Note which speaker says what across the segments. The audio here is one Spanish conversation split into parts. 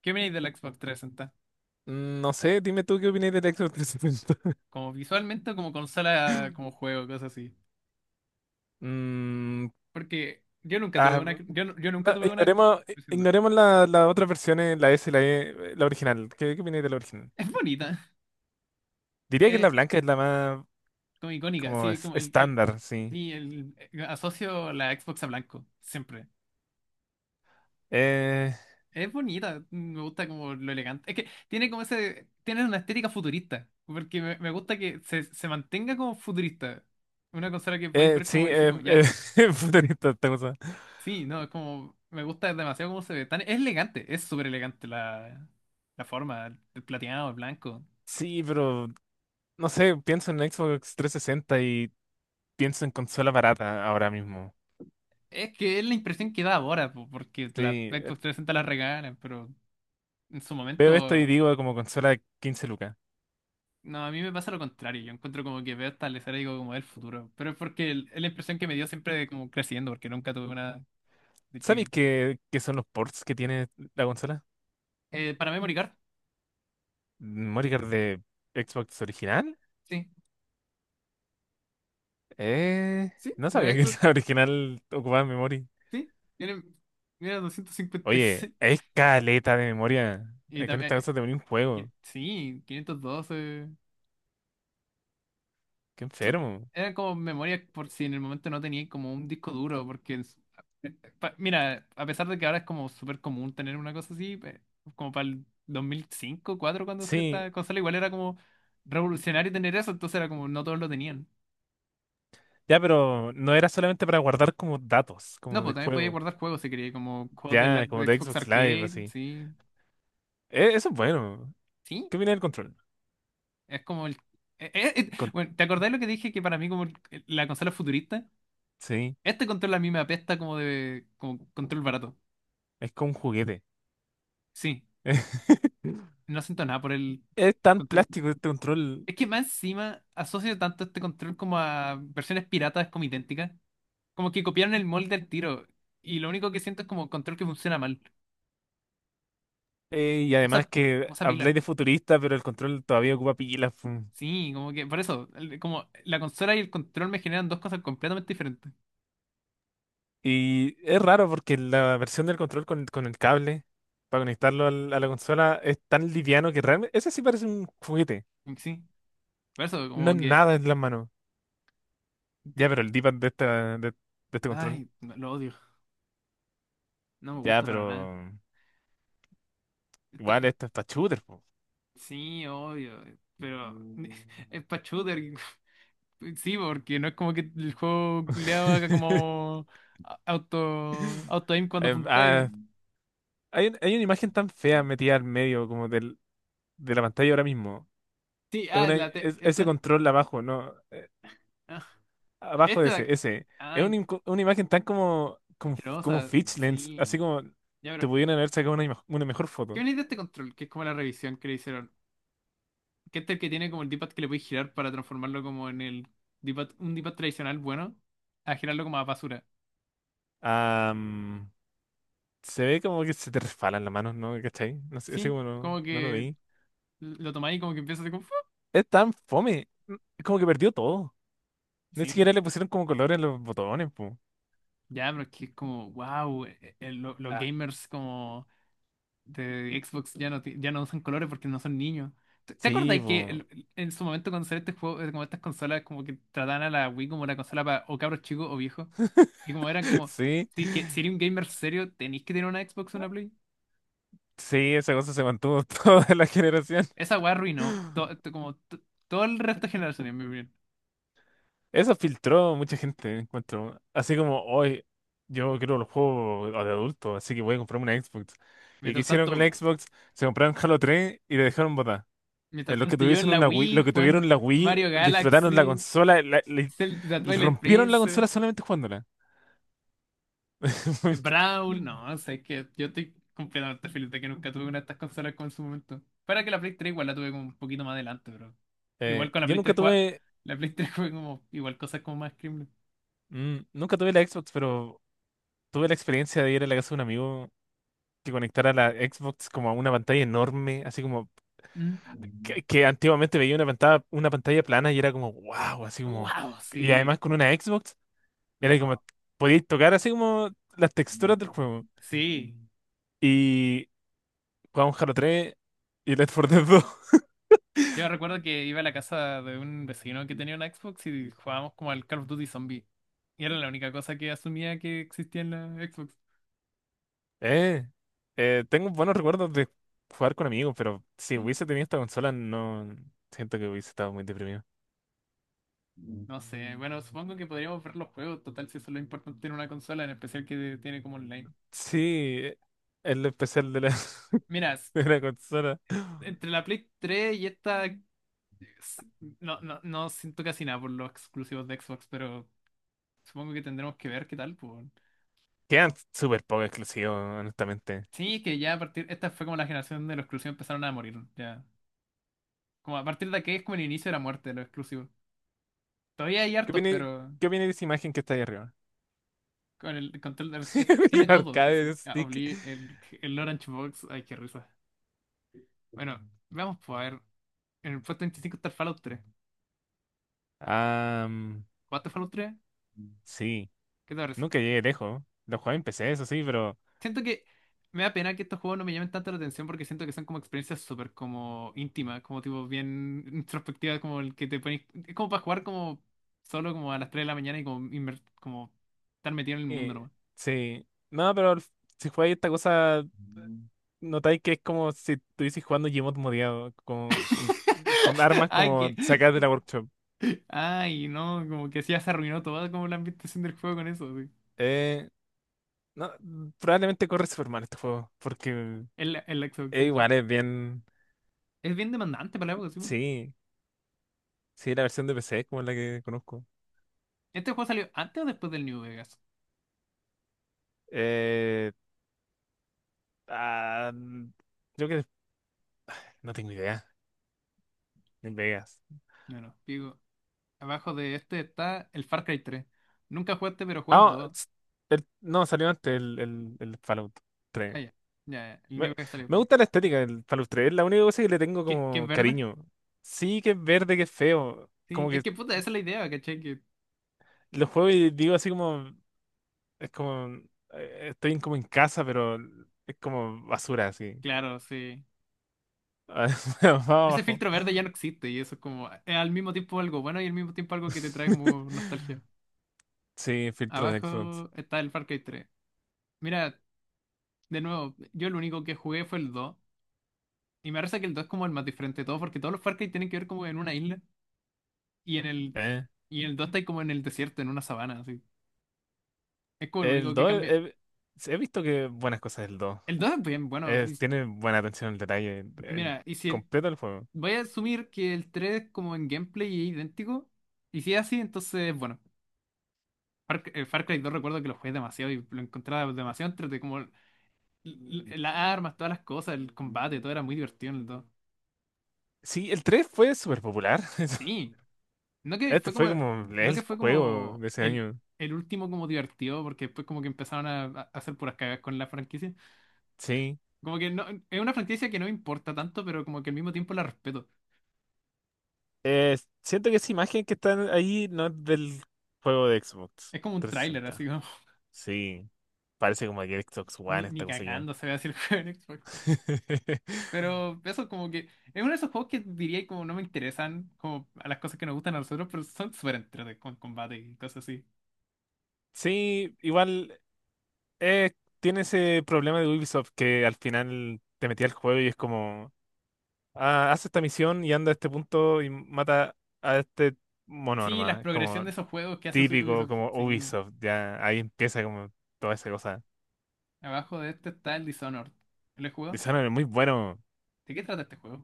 Speaker 1: ¿Qué opináis de la Xbox 360?
Speaker 2: No sé, dime tú qué opinas de The Exorcist.
Speaker 1: Como visualmente, o como consola, como juego, cosas así.
Speaker 2: Mm,
Speaker 1: Porque yo nunca tuve
Speaker 2: ah,
Speaker 1: una. Yo nunca
Speaker 2: no,
Speaker 1: tuve una.
Speaker 2: ignoremos,
Speaker 1: Diciendo,
Speaker 2: ignoremos las otras versiones, la S y la E, la original. ¿Qué opinas de la original?
Speaker 1: es bonita.
Speaker 2: Diría que la
Speaker 1: Es
Speaker 2: blanca es la más
Speaker 1: como icónica.
Speaker 2: como
Speaker 1: Sí, como
Speaker 2: estándar, sí.
Speaker 1: sí, asocio la Xbox a blanco. Siempre.
Speaker 2: Eh,
Speaker 1: Es bonita. Me gusta como lo elegante. Es que tiene como ese. Tiene una estética futurista. Porque me gusta que se mantenga como futurista. Una consola que podéis ver como
Speaker 2: sí,
Speaker 1: dice, como ya.
Speaker 2: puta, ni cosa.
Speaker 1: Sí, no, es como. Me gusta demasiado cómo se ve. Tan, es elegante, es súper elegante la, la forma, el plateado, el blanco.
Speaker 2: Sí, pero no sé, pienso en Xbox 360 y pienso en consola barata ahora mismo.
Speaker 1: Es que es la impresión que da ahora, po, porque la Xbox
Speaker 2: Sí,
Speaker 1: 360 la regalan, pero en su
Speaker 2: veo esto y
Speaker 1: momento.
Speaker 2: digo como consola 15 lucas.
Speaker 1: No, a mí me pasa lo contrario. Yo encuentro como que veo esta lesera y digo como el futuro. Pero es porque el- es la impresión que me dio siempre de como creciendo, porque nunca tuve una de
Speaker 2: ¿Sabéis
Speaker 1: chica.
Speaker 2: qué son los ports que tiene la consola?
Speaker 1: Para Memory Card,
Speaker 2: ¿Memory card de Xbox original?
Speaker 1: sí. Sí,
Speaker 2: No
Speaker 1: la
Speaker 2: sabía que
Speaker 1: Xbox,
Speaker 2: la original ocupaba memoria.
Speaker 1: sí. Tiene, mira, doscientos cincuenta Y
Speaker 2: Oye,
Speaker 1: seis.
Speaker 2: es caleta de memoria.
Speaker 1: Y
Speaker 2: Con
Speaker 1: también.
Speaker 2: esta cosa te venía un juego.
Speaker 1: Sí, 512.
Speaker 2: Qué enfermo.
Speaker 1: Era como memoria por si en el momento no tenía como un disco duro, porque eh, mira, a pesar de que ahora es como súper común tener una cosa así, pe- como para el 2005, 2004 cuando salió
Speaker 2: Sí,
Speaker 1: esta consola, igual era como revolucionario tener eso, entonces era como no todos lo tenían.
Speaker 2: ya, pero no era solamente para guardar como datos,
Speaker 1: No,
Speaker 2: como de
Speaker 1: pues también podía
Speaker 2: juego.
Speaker 1: guardar juegos si quería, como juegos de, la,
Speaker 2: Ya, como
Speaker 1: de
Speaker 2: de
Speaker 1: Xbox
Speaker 2: Xbox Live,
Speaker 1: Arcade,
Speaker 2: así.
Speaker 1: sí.
Speaker 2: Eso es bueno.
Speaker 1: Sí,
Speaker 2: ¿Qué viene del control?
Speaker 1: es como el...
Speaker 2: Con-
Speaker 1: bueno, ¿te acordás lo que dije que para mí como el- la consola futurista?
Speaker 2: sí,
Speaker 1: Este control a mí me apesta como de... como control barato.
Speaker 2: es como un juguete.
Speaker 1: Sí, no siento nada por el,
Speaker 2: Es
Speaker 1: el
Speaker 2: tan
Speaker 1: control.
Speaker 2: plástico este control.
Speaker 1: Es que más encima asocio tanto este control como a versiones piratas como idénticas. Como que copiaron el molde del tiro. Y lo único que siento es como control que funciona mal.
Speaker 2: Y
Speaker 1: Usa,
Speaker 2: además que
Speaker 1: usa pila.
Speaker 2: habláis de futurista, pero el control todavía ocupa pilas. Pu.
Speaker 1: Sí, como que por eso, el- como la consola y el control me generan dos cosas completamente diferentes.
Speaker 2: Y es raro porque la versión del control con el cable para conectarlo a la consola es tan liviano que realmente ese sí parece un juguete.
Speaker 1: Sí, por eso,
Speaker 2: No es
Speaker 1: como que.
Speaker 2: nada en las manos. Ya, pero
Speaker 1: Te-
Speaker 2: el D-pad de, esta, de, este control.
Speaker 1: ay, no- lo odio. No me
Speaker 2: Ya,
Speaker 1: gusta para nada.
Speaker 2: pero
Speaker 1: Está-
Speaker 2: igual esto está shooter. Po.
Speaker 1: sí, obvio. Pero es para shooter. Sí, porque no es como que el juego le haga como a- auto aim cuando
Speaker 2: Eh,
Speaker 1: apuntáis.
Speaker 2: ah, hay una imagen tan fea metida al medio como de la pantalla ahora mismo.
Speaker 1: Sí,
Speaker 2: Es
Speaker 1: ah, la te-
Speaker 2: ese
Speaker 1: esta.
Speaker 2: control abajo, ¿no?
Speaker 1: Ah,
Speaker 2: Abajo de
Speaker 1: este de
Speaker 2: ese,
Speaker 1: acá.
Speaker 2: ese. Es una,
Speaker 1: Ay,
Speaker 2: una imagen tan como
Speaker 1: asquerosa.
Speaker 2: Fitch Lens,
Speaker 1: Sí.
Speaker 2: así como
Speaker 1: Ya,
Speaker 2: te
Speaker 1: pero.
Speaker 2: pudieran haber sacado una, una mejor
Speaker 1: ¿Qué
Speaker 2: foto.
Speaker 1: venís de este control? Que es como la revisión que le hicieron. Que este es el que tiene como el D-pad que le podéis girar para transformarlo como en el D-pad, un D-pad tradicional bueno, a girarlo como a basura.
Speaker 2: Am, Se ve como que se te resbalan las manos, ¿no? ¿Cachai? No sé, así
Speaker 1: Sí,
Speaker 2: como no,
Speaker 1: como
Speaker 2: no lo
Speaker 1: que
Speaker 2: vi.
Speaker 1: lo tomáis y como que empieza a hacer como. ¡Fu!
Speaker 2: Es tan fome, como que perdió todo. Ni
Speaker 1: Sí.
Speaker 2: siquiera le pusieron como colores en los botones, po.
Speaker 1: Ya, pero es que es como, wow, los
Speaker 2: Ah,
Speaker 1: gamers como de Xbox ya no, ti- ya no usan colores porque no son niños. ¿Te acordás
Speaker 2: sí,
Speaker 1: que
Speaker 2: po.
Speaker 1: el- en su momento cuando salió este juego, como estas consolas, como que trataban a la Wii como una consola para o cabros chicos o viejos? Y como eran como,
Speaker 2: Sí,
Speaker 1: sí, que si eres un gamer serio, tenéis que tener una Xbox o una Play.
Speaker 2: sí, esa cosa se mantuvo toda la generación.
Speaker 1: Esa weá arruinó to- to- como to- todo el resto de generaciones, en mi opinión.
Speaker 2: Eso filtró mucha gente, encuentro. Así como hoy, yo quiero los juegos de adulto, así que voy a comprarme una Xbox. ¿Y qué
Speaker 1: Mientras
Speaker 2: hicieron con la
Speaker 1: tanto,
Speaker 2: Xbox? Se compraron Halo 3 y le dejaron botar.
Speaker 1: mientras
Speaker 2: Los que
Speaker 1: tanto yo
Speaker 2: tuviesen
Speaker 1: en la
Speaker 2: una Wii,
Speaker 1: Wii
Speaker 2: los que
Speaker 1: jugando
Speaker 2: tuvieron la Wii,
Speaker 1: Mario
Speaker 2: disfrutaron la
Speaker 1: Galaxy,
Speaker 2: consola,
Speaker 1: Zelda Twilight
Speaker 2: rompieron la
Speaker 1: Princess.
Speaker 2: consola solamente jugándola.
Speaker 1: Brawl, no, sé que yo estoy completamente feliz de que nunca tuve una de estas consolas como en su momento. Para que la Play 3 igual la tuve como un poquito más adelante, pero igual con la
Speaker 2: Yo
Speaker 1: Play
Speaker 2: nunca
Speaker 1: 3 jugaba,
Speaker 2: tuve,
Speaker 1: la Play 3 fue como igual cosas como más criminal.
Speaker 2: mm, nunca tuve la Xbox, pero tuve la experiencia de ir a la casa de un amigo que conectara la Xbox como a una pantalla enorme, así como que antiguamente veía una pantalla plana y era como, wow, así como.
Speaker 1: Wow,
Speaker 2: Y además
Speaker 1: sí.
Speaker 2: con una Xbox, era como,
Speaker 1: No,
Speaker 2: podíais tocar así como las texturas del juego.
Speaker 1: sí.
Speaker 2: Y jugamos Halo 3 y Left 4 Dead 2
Speaker 1: Yo recuerdo que iba a la casa de un vecino que tenía una Xbox y jugábamos como al Call of Duty Zombie. Y era la única cosa que asumía que existía en la Xbox.
Speaker 2: Eh, Tengo buenos recuerdos de jugar con amigos, pero si
Speaker 1: Sí.
Speaker 2: hubiese tenido esta consola, no siento que hubiese estado muy deprimido.
Speaker 1: No sé, bueno, supongo que podríamos ver los juegos, total, si eso es lo importante en una consola, en especial que tiene como online.
Speaker 2: Sí, el especial de la,
Speaker 1: Mira, s-
Speaker 2: de la consola.
Speaker 1: entre la Play 3 y esta, s- no, no, no siento casi nada por los exclusivos de Xbox, pero supongo que tendremos que ver qué tal, pues.
Speaker 2: Quedan súper poco exclusivos, honestamente.
Speaker 1: Sí, que ya a partir, esta fue como la generación de los exclusivos empezaron a morir, ya. Como a partir de aquí es como el inicio de la muerte de los exclusivos. Todavía hay
Speaker 2: ¿Qué
Speaker 1: hartos,
Speaker 2: opinas,
Speaker 1: pero
Speaker 2: qué opinas de esa imagen que está ahí arriba?
Speaker 1: con el control del- este-
Speaker 2: El
Speaker 1: tiene todo,
Speaker 2: arcade
Speaker 1: sí.
Speaker 2: de
Speaker 1: Ah,
Speaker 2: stick.
Speaker 1: Obli- el Orange Box, ay, qué risa. Bueno, vamos pues a ver. En el puesto 25 está el Fallout 3.
Speaker 2: Ah,
Speaker 1: ¿Jugaste Fallout 3?
Speaker 2: sí,
Speaker 1: ¿Qué te parece?
Speaker 2: nunca llegué lejos. Lo jugué en PC, eso sí, pero...
Speaker 1: Siento que me da pena que estos juegos no me llamen tanto la atención porque siento que son como experiencias súper como íntimas, como tipo bien introspectivas, como el que te pones... Es como para jugar como solo como a las 3 de la mañana y como, inver- como estar metido en el mundo
Speaker 2: eh,
Speaker 1: nomás.
Speaker 2: sí, no, pero si jugáis esta cosa,
Speaker 1: Mm.
Speaker 2: notáis que es como si estuvieses jugando Gmod modiado, con armas
Speaker 1: Ay,
Speaker 2: como
Speaker 1: que...
Speaker 2: sacadas de la workshop.
Speaker 1: Ay, no, como que sí ya se arruinó toda como la ambientación del juego con eso, sí.
Speaker 2: Eh, no, probablemente corre super mal este juego, porque
Speaker 1: El Xbox,
Speaker 2: es
Speaker 1: sí. Sí.
Speaker 2: igual, es bien...
Speaker 1: Es bien demandante para la época, sí. Po.
Speaker 2: Sí, sí, la versión de PC es como la que conozco.
Speaker 1: ¿Este juego salió antes o después del New Vegas?
Speaker 2: Eh, ah, Creo que... No tengo idea. En Vegas.
Speaker 1: No, no, digo. Abajo de este está el Far Cry 3. Nunca jugaste, pero jugué el
Speaker 2: Ah,
Speaker 1: 2.
Speaker 2: no, salió antes el Fallout 3.
Speaker 1: Ah, ya. Ya, ya, el
Speaker 2: Me,
Speaker 1: único que salió
Speaker 2: me
Speaker 1: fue.
Speaker 2: gusta la estética del Fallout 3. Es la única cosa que le tengo
Speaker 1: ¿Qué, qué es
Speaker 2: como
Speaker 1: verde?
Speaker 2: cariño. Sí que es verde, que es feo.
Speaker 1: Sí,
Speaker 2: Como que
Speaker 1: es que puta, esa es la idea, ¿cachai? Que,
Speaker 2: lo juego y digo así como, es como, estoy como en casa, pero es como basura así.
Speaker 1: claro, sí.
Speaker 2: Va
Speaker 1: Ese
Speaker 2: abajo.
Speaker 1: filtro verde ya no existe y eso es como. Es al mismo tiempo algo bueno y al mismo tiempo algo que te trae como nostalgia.
Speaker 2: Sí, filtro de Xbox.
Speaker 1: Abajo está el Far Cry 3. Mira, de nuevo, yo lo único que jugué fue el 2. Y me parece que el 2 es como el más diferente de todo, porque todos los Far Cry tienen que ver como en una isla. Y en el,
Speaker 2: Eh,
Speaker 1: y en el 2 está ahí como en el desierto, en una sabana, así. Es como el
Speaker 2: El
Speaker 1: único que
Speaker 2: 2
Speaker 1: cambia.
Speaker 2: he visto que buenas cosas del 2.
Speaker 1: El 2 es bien bueno. Y
Speaker 2: Tiene buena atención al detalle
Speaker 1: y
Speaker 2: en
Speaker 1: mira, y si el-
Speaker 2: completo el juego.
Speaker 1: voy a asumir que el 3 como en gameplay es idéntico, y si es así, entonces, bueno, Far Cry 2 recuerdo que lo jugué demasiado y lo encontraba demasiado entre como las armas, todas las cosas, el combate, todo era muy divertido en el 2.
Speaker 2: Sí, el 3 fue súper popular.
Speaker 1: Sí, no que
Speaker 2: Este
Speaker 1: fue
Speaker 2: fue
Speaker 1: como,
Speaker 2: como
Speaker 1: no que
Speaker 2: el
Speaker 1: fue
Speaker 2: juego
Speaker 1: como
Speaker 2: de ese año.
Speaker 1: el último como divertido, porque después como que empezaron a hacer puras cagas con la franquicia.
Speaker 2: Sí.
Speaker 1: Como que no, es una franquicia que no me importa tanto, pero como que al mismo tiempo la respeto.
Speaker 2: Eh, Siento que esa imagen que está ahí no es del juego de Xbox
Speaker 1: Es como un tráiler, así
Speaker 2: 360.
Speaker 1: como,
Speaker 2: Sí. Parece como que Xbox
Speaker 1: ni,
Speaker 2: One
Speaker 1: ni
Speaker 2: esta cosa ya.
Speaker 1: cagando se ve así el juego en Xbox. Pero eso como que es uno de esos juegos que diría como no me interesan como a las cosas que nos gustan a nosotros, pero son súper entretenidos con combate y cosas así.
Speaker 2: Sí, igual eh, tiene ese problema de Ubisoft que al final te metía al juego y es como, haz esta misión y anda a este punto y mata a este mono
Speaker 1: Sí, la
Speaker 2: nomás. Es como,
Speaker 1: progresión de esos juegos que hace
Speaker 2: típico
Speaker 1: Ubisoft.
Speaker 2: como
Speaker 1: Sí,
Speaker 2: Ubisoft, ya ahí empieza como toda esa cosa.
Speaker 1: abajo de este está el Dishonored. ¿Lo he jugado?
Speaker 2: Dishonored es muy bueno.
Speaker 1: ¿De qué trata este juego?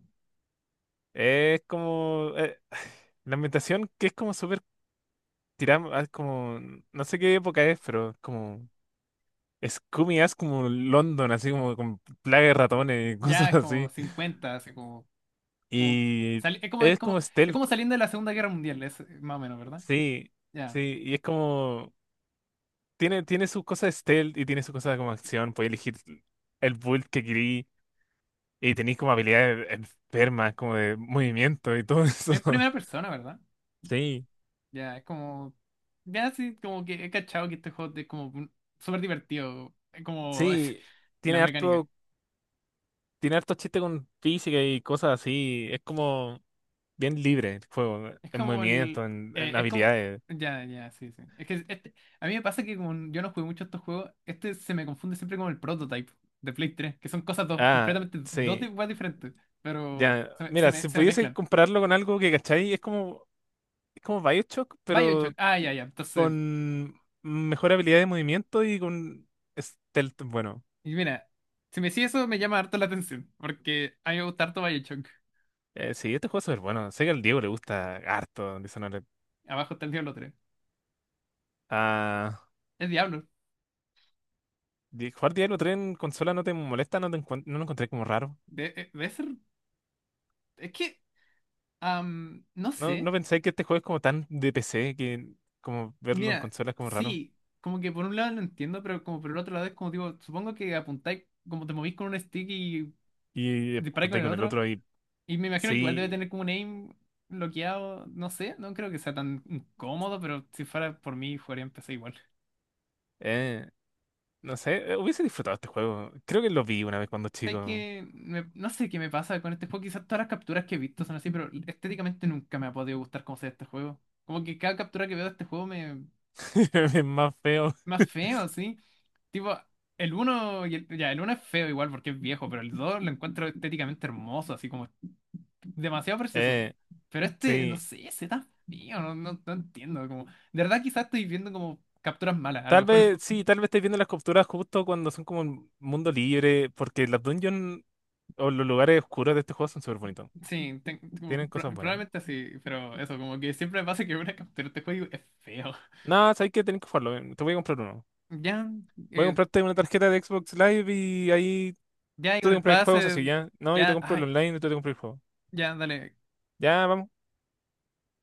Speaker 2: Es como la ambientación que es como súper tirada, como no sé qué época es, pero es como Scooby es como London, así como con plaga de
Speaker 1: Oh,
Speaker 2: ratones y
Speaker 1: ya
Speaker 2: cosas
Speaker 1: es como
Speaker 2: así.
Speaker 1: 50 así como, como,
Speaker 2: Y
Speaker 1: sali-
Speaker 2: es como
Speaker 1: es
Speaker 2: stealth,
Speaker 1: como saliendo de la Segunda Guerra Mundial, es más o menos, ¿verdad?
Speaker 2: sí,
Speaker 1: Ya.
Speaker 2: sí, y es como tiene sus cosas stealth y tiene sus cosas como acción, puedes elegir el build que querís. Y tenéis como habilidades enfermas, como de movimiento y todo eso.
Speaker 1: En primera persona, ¿verdad?
Speaker 2: Sí,
Speaker 1: Ya, es como. Ya, sí, como que he cachado que este juego es como un- súper divertido. Es como. Es,
Speaker 2: sí,
Speaker 1: la
Speaker 2: tiene
Speaker 1: mecánica.
Speaker 2: harto, tiene harto chiste con física y cosas así. Es como bien libre el juego,
Speaker 1: Es
Speaker 2: en
Speaker 1: como el.
Speaker 2: movimiento, en, en
Speaker 1: Es como.
Speaker 2: habilidades.
Speaker 1: Ya, sí, Es que este, a mí me pasa que como yo no jugué mucho estos juegos, este se me confunde siempre con el Prototype de Play 3 que son cosas dos,
Speaker 2: Ah,
Speaker 1: completamente dos
Speaker 2: sí.
Speaker 1: di- weas diferentes, pero
Speaker 2: Ya,
Speaker 1: se me, se
Speaker 2: mira, si
Speaker 1: me, se me
Speaker 2: pudiese
Speaker 1: mezclan.
Speaker 2: compararlo con algo que, ¿cachai? es como, BioShock,
Speaker 1: BioShock,
Speaker 2: pero
Speaker 1: ah, ya. Entonces,
Speaker 2: con mejor habilidad de movimiento y con stealth. Bueno,
Speaker 1: y mira, si me decís eso me llama harto la atención, porque a mí me gusta harto BioShock.
Speaker 2: sí, este juego es súper bueno. Sé que al Diego le gusta harto Dishonored.
Speaker 1: Abajo está el Diablo 3.
Speaker 2: Ah.
Speaker 1: Es Diablo.
Speaker 2: Jugar Diablo 3 en consola no te molesta, no te no lo encontré como raro.
Speaker 1: Debe ser. Es que, no
Speaker 2: No, no
Speaker 1: sé.
Speaker 2: pensé que este juego es como tan de PC que como verlo en
Speaker 1: Mira,
Speaker 2: consola es como raro.
Speaker 1: sí, como que por un lado lo entiendo, pero como por el otro lado es como digo, supongo que apuntáis, como te movís con un stick y
Speaker 2: Y
Speaker 1: disparáis con
Speaker 2: ponte
Speaker 1: el
Speaker 2: con el
Speaker 1: otro.
Speaker 2: otro y
Speaker 1: Y me imagino que igual debe
Speaker 2: sí,
Speaker 1: tener como un aim bloqueado, no sé, no creo que sea tan incómodo, pero si fuera por mí, jugaría en PC igual.
Speaker 2: eh, no sé, hubiese disfrutado este juego. Creo que lo vi una vez cuando
Speaker 1: Hay
Speaker 2: chico.
Speaker 1: que, me- no sé qué me pasa con este juego, quizás todas las capturas que he visto son así, pero estéticamente nunca me ha podido gustar cómo se ve este juego. Como que cada captura que veo de este juego me,
Speaker 2: Es más feo.
Speaker 1: más feo, así. Tipo, el uno y el, ya, el uno es feo igual porque es viejo, pero el 2 lo encuentro estéticamente hermoso, así como demasiado precioso.
Speaker 2: Eh,
Speaker 1: Pero este, no
Speaker 2: sí.
Speaker 1: sé, ese tan feo, no, no, no entiendo. Como, de verdad quizás estoy viendo como capturas malas, a lo
Speaker 2: Tal
Speaker 1: mejor el-
Speaker 2: vez, sí, tal vez estés viendo las capturas justo cuando son como un mundo libre, porque las dungeons o los lugares oscuros de este juego son súper bonitos.
Speaker 1: sí, ten- como
Speaker 2: Tienen
Speaker 1: pro-
Speaker 2: cosas buenas.
Speaker 1: probablemente sí, pero eso, como que siempre me pasa que una captura de este juego es feo.
Speaker 2: No, sabes que tenés que jugarlo. Te voy a comprar uno.
Speaker 1: Ya,
Speaker 2: Voy a
Speaker 1: eh,
Speaker 2: comprarte una tarjeta de Xbox Live y ahí
Speaker 1: ya y
Speaker 2: tú
Speaker 1: con
Speaker 2: te
Speaker 1: el
Speaker 2: compras el juego,
Speaker 1: pase,
Speaker 2: así ya. No, yo te
Speaker 1: ya,
Speaker 2: compro el
Speaker 1: ay,
Speaker 2: online y tú te compras el juego.
Speaker 1: ya, dale.
Speaker 2: Ya, vamos.